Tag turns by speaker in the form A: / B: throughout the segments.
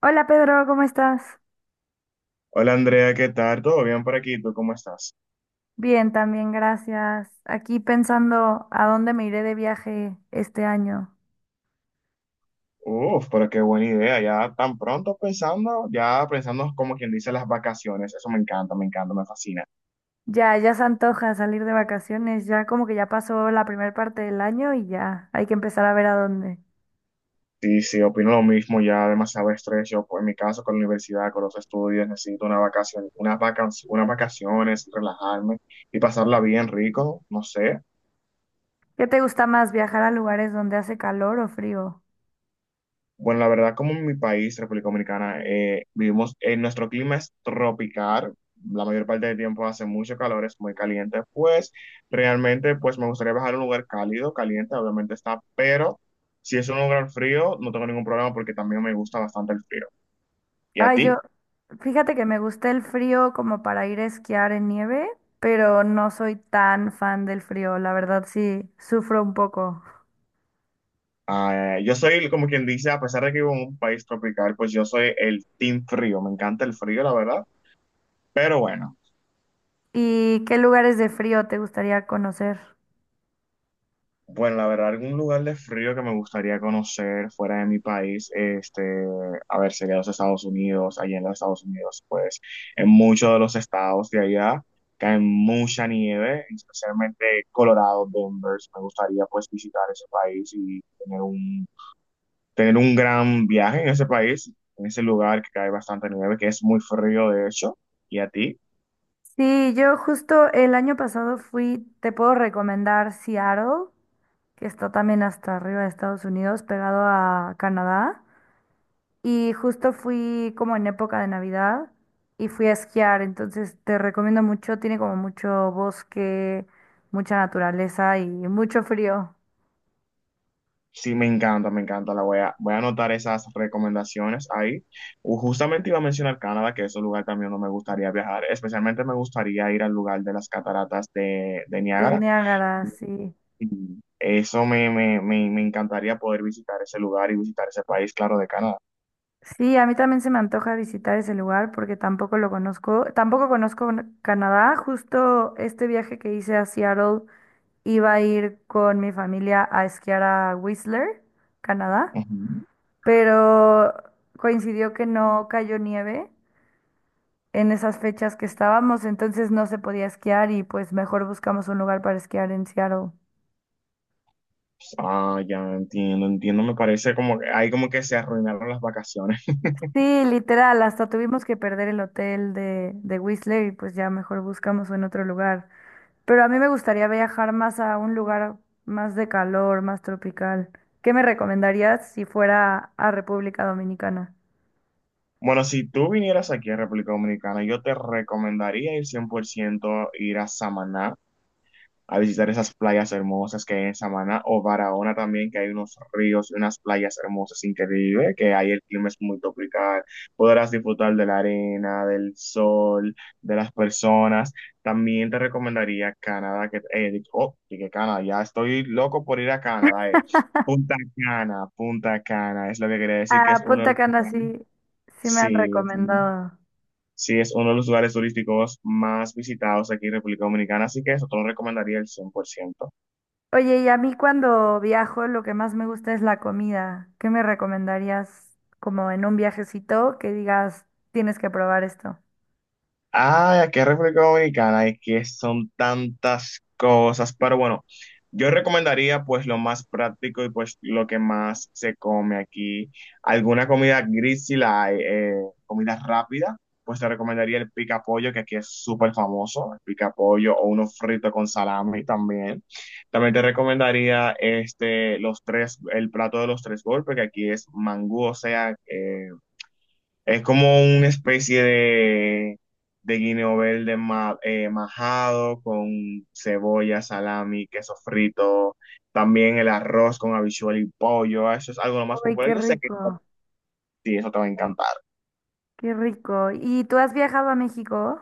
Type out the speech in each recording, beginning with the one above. A: Hola Pedro, ¿cómo estás?
B: Hola Andrea, ¿qué tal? ¿Todo bien por aquí? ¿Tú cómo estás?
A: Bien, también, gracias. Aquí pensando a dónde me iré de viaje este año.
B: Uf, pero qué buena idea. Ya tan pronto pensando, ya pensando como quien dice las vacaciones. Eso me encanta, me encanta, me fascina.
A: Ya, ya se antoja salir de vacaciones, ya como que ya pasó la primera parte del año y ya hay que empezar a ver a dónde.
B: Sí, sí, opino lo mismo. Ya demasiado estrés. Yo, pues, en mi caso, con la universidad, con los estudios, necesito una vacación, unas vacaciones, relajarme y pasarla bien rico. No sé.
A: ¿Qué te gusta más, viajar a lugares donde hace calor o frío?
B: Bueno, la verdad, como en mi país, República Dominicana, vivimos, nuestro clima es tropical, la mayor parte del tiempo hace mucho calor, es muy caliente, pues realmente pues me gustaría viajar a un lugar cálido, caliente, obviamente está, pero si es un lugar frío, no tengo ningún problema porque también me gusta bastante el frío. ¿Y a
A: Ay, yo,
B: ti?
A: fíjate que me gusta el frío como para ir a esquiar en nieve, pero no soy tan fan del frío, la verdad sí, sufro un poco.
B: Ah, yo soy como quien dice, a pesar de que vivo en un país tropical, pues yo soy el team frío, me encanta el frío, la verdad, pero bueno.
A: ¿Y qué lugares de frío te gustaría conocer?
B: Bueno, la verdad, algún lugar de frío que me gustaría conocer fuera de mi país, este, a ver, sería los Estados Unidos, allí en los Estados Unidos, pues en muchos de los estados de allá cae mucha nieve, especialmente Colorado, Denver, me gustaría pues visitar ese país y tener un gran viaje en ese país, en ese lugar que cae bastante nieve, que es muy frío de hecho, ¿y a ti?
A: Sí, yo justo el año pasado fui, te puedo recomendar Seattle, que está también hasta arriba de Estados Unidos, pegado a Canadá. Y justo fui como en época de Navidad y fui a esquiar, entonces te recomiendo mucho, tiene como mucho bosque, mucha naturaleza y mucho frío
B: Sí, me encanta, me encanta. Voy a anotar esas recomendaciones ahí. Justamente iba a mencionar Canadá, que es un lugar también donde me gustaría viajar. Especialmente me gustaría ir al lugar de las cataratas de
A: de
B: Niágara.
A: Niágara, sí.
B: Y eso me encantaría poder visitar ese lugar y visitar ese país, claro, de Canadá.
A: Sí, a mí también se me antoja visitar ese lugar porque tampoco lo conozco, tampoco conozco Canadá, justo este viaje que hice a Seattle. Iba a ir con mi familia a esquiar a Whistler, Canadá,
B: Ujú.
A: pero coincidió que no cayó nieve en esas fechas que estábamos, entonces no se podía esquiar y pues mejor buscamos un lugar para esquiar en Seattle.
B: Ah, ya entiendo, entiendo. Me parece como que ahí como que se arruinaron las vacaciones.
A: Sí, literal, hasta tuvimos que perder el hotel de Whistler y pues ya mejor buscamos en otro lugar. Pero a mí me gustaría viajar más a un lugar más de calor, más tropical. ¿Qué me recomendarías si fuera a República Dominicana?
B: Bueno, si tú vinieras aquí a República Dominicana, yo te recomendaría ir 100% ir a Samaná, a visitar esas playas hermosas que hay en Samaná o Barahona también, que hay unos ríos y unas playas hermosas increíbles, que ahí el clima es muy tropical, podrás disfrutar de la arena, del sol, de las personas. También te recomendaría Canadá, que, dije Canadá, ya estoy loco por ir a Canadá, Punta Cana, Punta Cana, es lo que quería decir, que es
A: Ah,
B: uno de
A: Punta
B: los
A: Cana
B: lugares,
A: sí, sí me han
B: sí, sí,
A: recomendado.
B: sí, es uno de los lugares turísticos más visitados aquí en República Dominicana, así que eso te lo recomendaría el 100%.
A: Oye, y a mí cuando viajo lo que más me gusta es la comida. ¿Qué me recomendarías como en un viajecito que digas, tienes que probar esto?
B: Ay, aquí en República Dominicana es que son tantas cosas, pero bueno, yo recomendaría pues lo más práctico y pues lo que más se come aquí. Alguna comida gris si la hay, comida rápida, pues te recomendaría el pica pollo, que aquí es súper famoso, el pica pollo o uno frito con salami también. También te recomendaría este, los tres, el plato de los tres golpes, que aquí es mangú, o sea, es como una especie de guineo verde majado con cebolla, salami, queso frito, también el arroz con habichuela y pollo. Ah, eso es algo lo más
A: Ay,
B: popular.
A: qué
B: Yo sé que
A: rico,
B: sí, eso te va a encantar.
A: qué rico. ¿Y tú has viajado a México?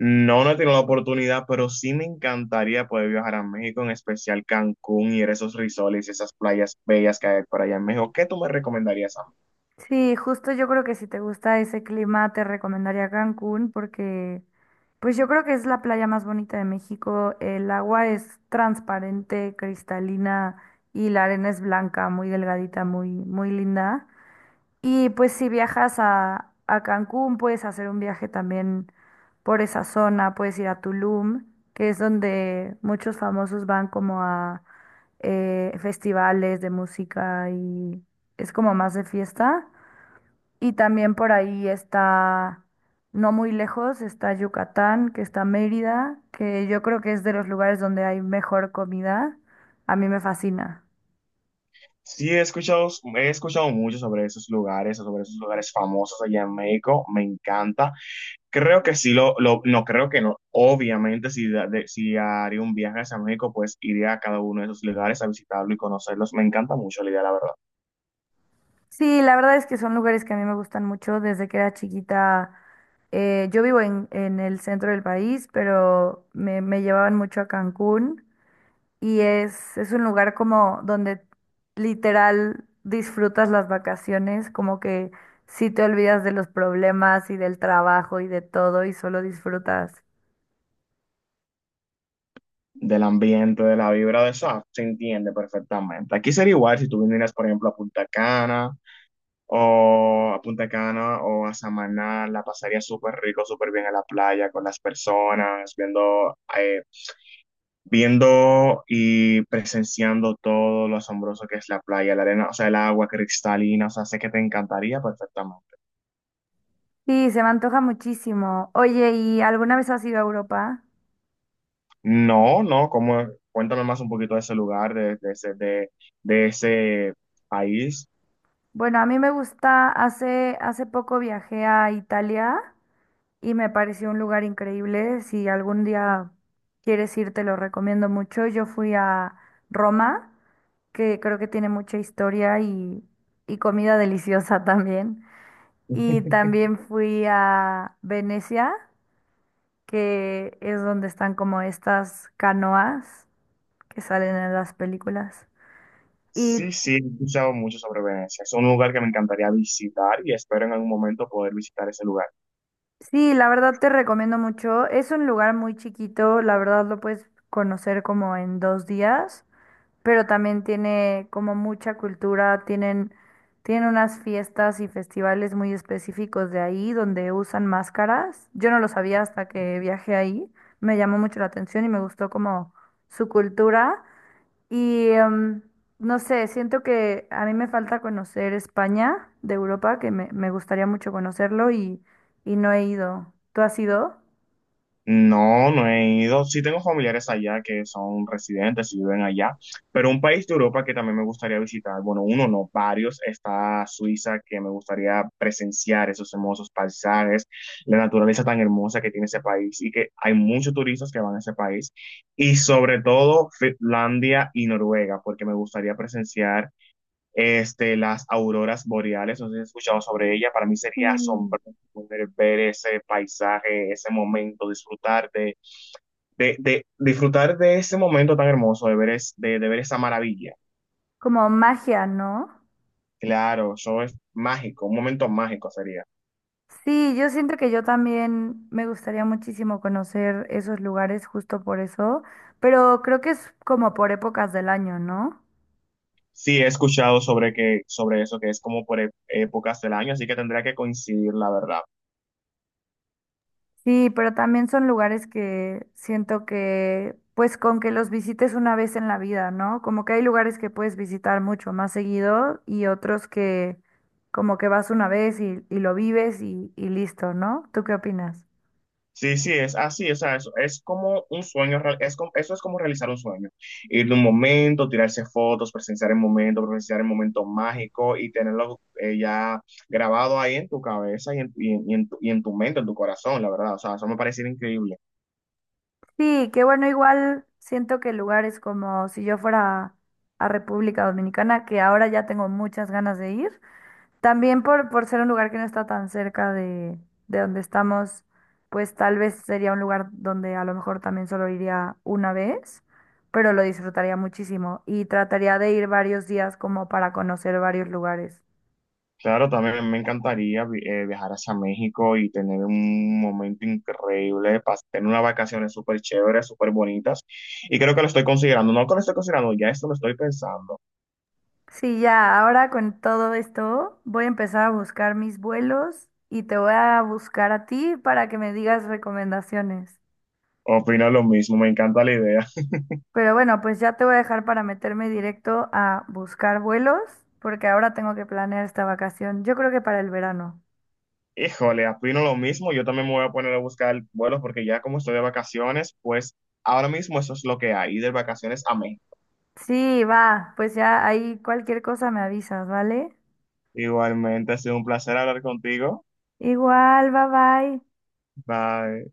B: No, no he tenido la oportunidad, pero sí me encantaría poder viajar a México, en especial Cancún y esos resorts y esas playas bellas que hay por allá en México. ¿Qué tú me recomendarías a mí?
A: Sí, justo yo creo que si te gusta ese clima te recomendaría Cancún porque pues yo creo que es la playa más bonita de México. El agua es transparente, cristalina y la arena es blanca, muy delgadita, muy muy linda. Y pues si viajas a Cancún puedes hacer un viaje también por esa zona, puedes ir a Tulum, que es donde muchos famosos van como a festivales de música y es como más de fiesta. Y también por ahí está, no muy lejos, está Yucatán, que está Mérida, que yo creo que es de los lugares donde hay mejor comida. A mí me fascina.
B: Sí, he escuchado mucho sobre esos lugares famosos allá en México. Me encanta. Creo que sí, no creo que no. Obviamente, si haría un viaje hacia México, pues iría a cada uno de esos lugares a visitarlo y conocerlos. Me encanta mucho la idea, la verdad.
A: Sí, la verdad es que son lugares que a mí me gustan mucho. Desde que era chiquita, yo vivo en el centro del país, pero me llevaban mucho a Cancún. Y es un lugar como donde literal disfrutas las vacaciones, como que sí te olvidas de los problemas y del trabajo y de todo y solo disfrutas.
B: Del ambiente, de la vibra de eso, ah, se entiende perfectamente. Aquí sería igual si tú vinieras, por ejemplo, a Punta Cana o a Samaná, la pasaría súper rico, súper bien en la playa con las personas, viendo, viendo y presenciando todo lo asombroso que es la playa, la arena, o sea, el agua cristalina, o sea, sé que te encantaría perfectamente.
A: Sí, se me antoja muchísimo. Oye, ¿y alguna vez has ido a Europa?
B: No, no, ¿cómo? Cuéntame más un poquito de ese lugar, de ese país.
A: Bueno, a mí me gusta, hace, hace poco viajé a Italia y me pareció un lugar increíble. Si algún día quieres ir, te lo recomiendo mucho. Yo fui a Roma, que creo que tiene mucha historia y comida deliciosa también. Y también fui a Venecia, que es donde están como estas canoas que salen en las películas. Y
B: Sí, sí, he escuchado mucho sobre Venecia. Es un lugar que me encantaría visitar y espero en algún momento poder visitar ese lugar.
A: sí, la verdad te recomiendo mucho. Es un lugar muy chiquito, la verdad lo puedes conocer como en dos días. Pero también tiene como mucha cultura, tienen, tienen unas fiestas y festivales muy específicos de ahí donde usan máscaras. Yo no lo sabía hasta que viajé ahí, me llamó mucho la atención y me gustó como su cultura. Y no sé, siento que a mí me falta conocer España de Europa, que me gustaría mucho conocerlo y no he ido. ¿Tú has ido?
B: No, no he ido. Sí tengo familiares allá que son residentes y viven allá, pero un país de Europa que también me gustaría visitar, bueno, uno no, varios, está Suiza, que me gustaría presenciar esos hermosos paisajes, la naturaleza tan hermosa que tiene ese país y que hay muchos turistas que van a ese país, y sobre todo Finlandia y Noruega, porque me gustaría presenciar este, las auroras boreales, no sé si has escuchado sobre ella, para mí sería
A: Sí.
B: asombroso poder ver ese paisaje, ese momento, disfrutar disfrutar de ese momento tan hermoso, de ver esa maravilla.
A: Como magia, ¿no?
B: Claro, eso es mágico, un momento mágico sería.
A: Sí, yo siento que yo también me gustaría muchísimo conocer esos lugares justo por eso, pero creo que es como por épocas del año, ¿no?
B: Sí, he escuchado sobre que, sobre eso, que es como por épocas del año, así que tendría que coincidir, la verdad.
A: Sí, pero también son lugares que siento que, pues con que los visites una vez en la vida, ¿no? Como que hay lugares que puedes visitar mucho más seguido y otros que como que vas una vez y lo vives y listo, ¿no? ¿Tú qué opinas?
B: Sí, sí, es así, o sea, es como un sueño, es como eso es como realizar un sueño, ir de un momento, tirarse fotos, presenciar el momento mágico y tenerlo ya grabado ahí en tu cabeza y en y en tu mente, en tu corazón, la verdad, o sea, eso me parece increíble.
A: Sí, que bueno, igual siento que lugares como si yo fuera a República Dominicana, que ahora ya tengo muchas ganas de ir, también por ser un lugar que no está tan cerca de donde estamos, pues tal vez sería un lugar donde a lo mejor también solo iría una vez, pero lo disfrutaría muchísimo y trataría de ir varios días como para conocer varios lugares.
B: Claro, también me encantaría viajar hacia México y tener un momento increíble, tener unas vacaciones súper chéveres, súper bonitas, y creo que lo estoy considerando, no que lo estoy considerando, ya esto lo estoy pensando,
A: Sí, ya, ahora con todo esto voy a empezar a buscar mis vuelos y te voy a buscar a ti para que me digas recomendaciones.
B: opino lo mismo, me encanta la idea.
A: Pero bueno, pues ya te voy a dejar para meterme directo a buscar vuelos porque ahora tengo que planear esta vacación. Yo creo que para el verano.
B: Híjole, opino lo mismo. Yo también me voy a poner a buscar vuelos porque ya como estoy de vacaciones, pues ahora mismo eso es lo que hay, ir de vacaciones a mí.
A: Sí, va, pues ya ahí cualquier cosa me avisas, ¿vale?
B: Igualmente, ha sido un placer hablar contigo.
A: Igual, bye bye.
B: Bye.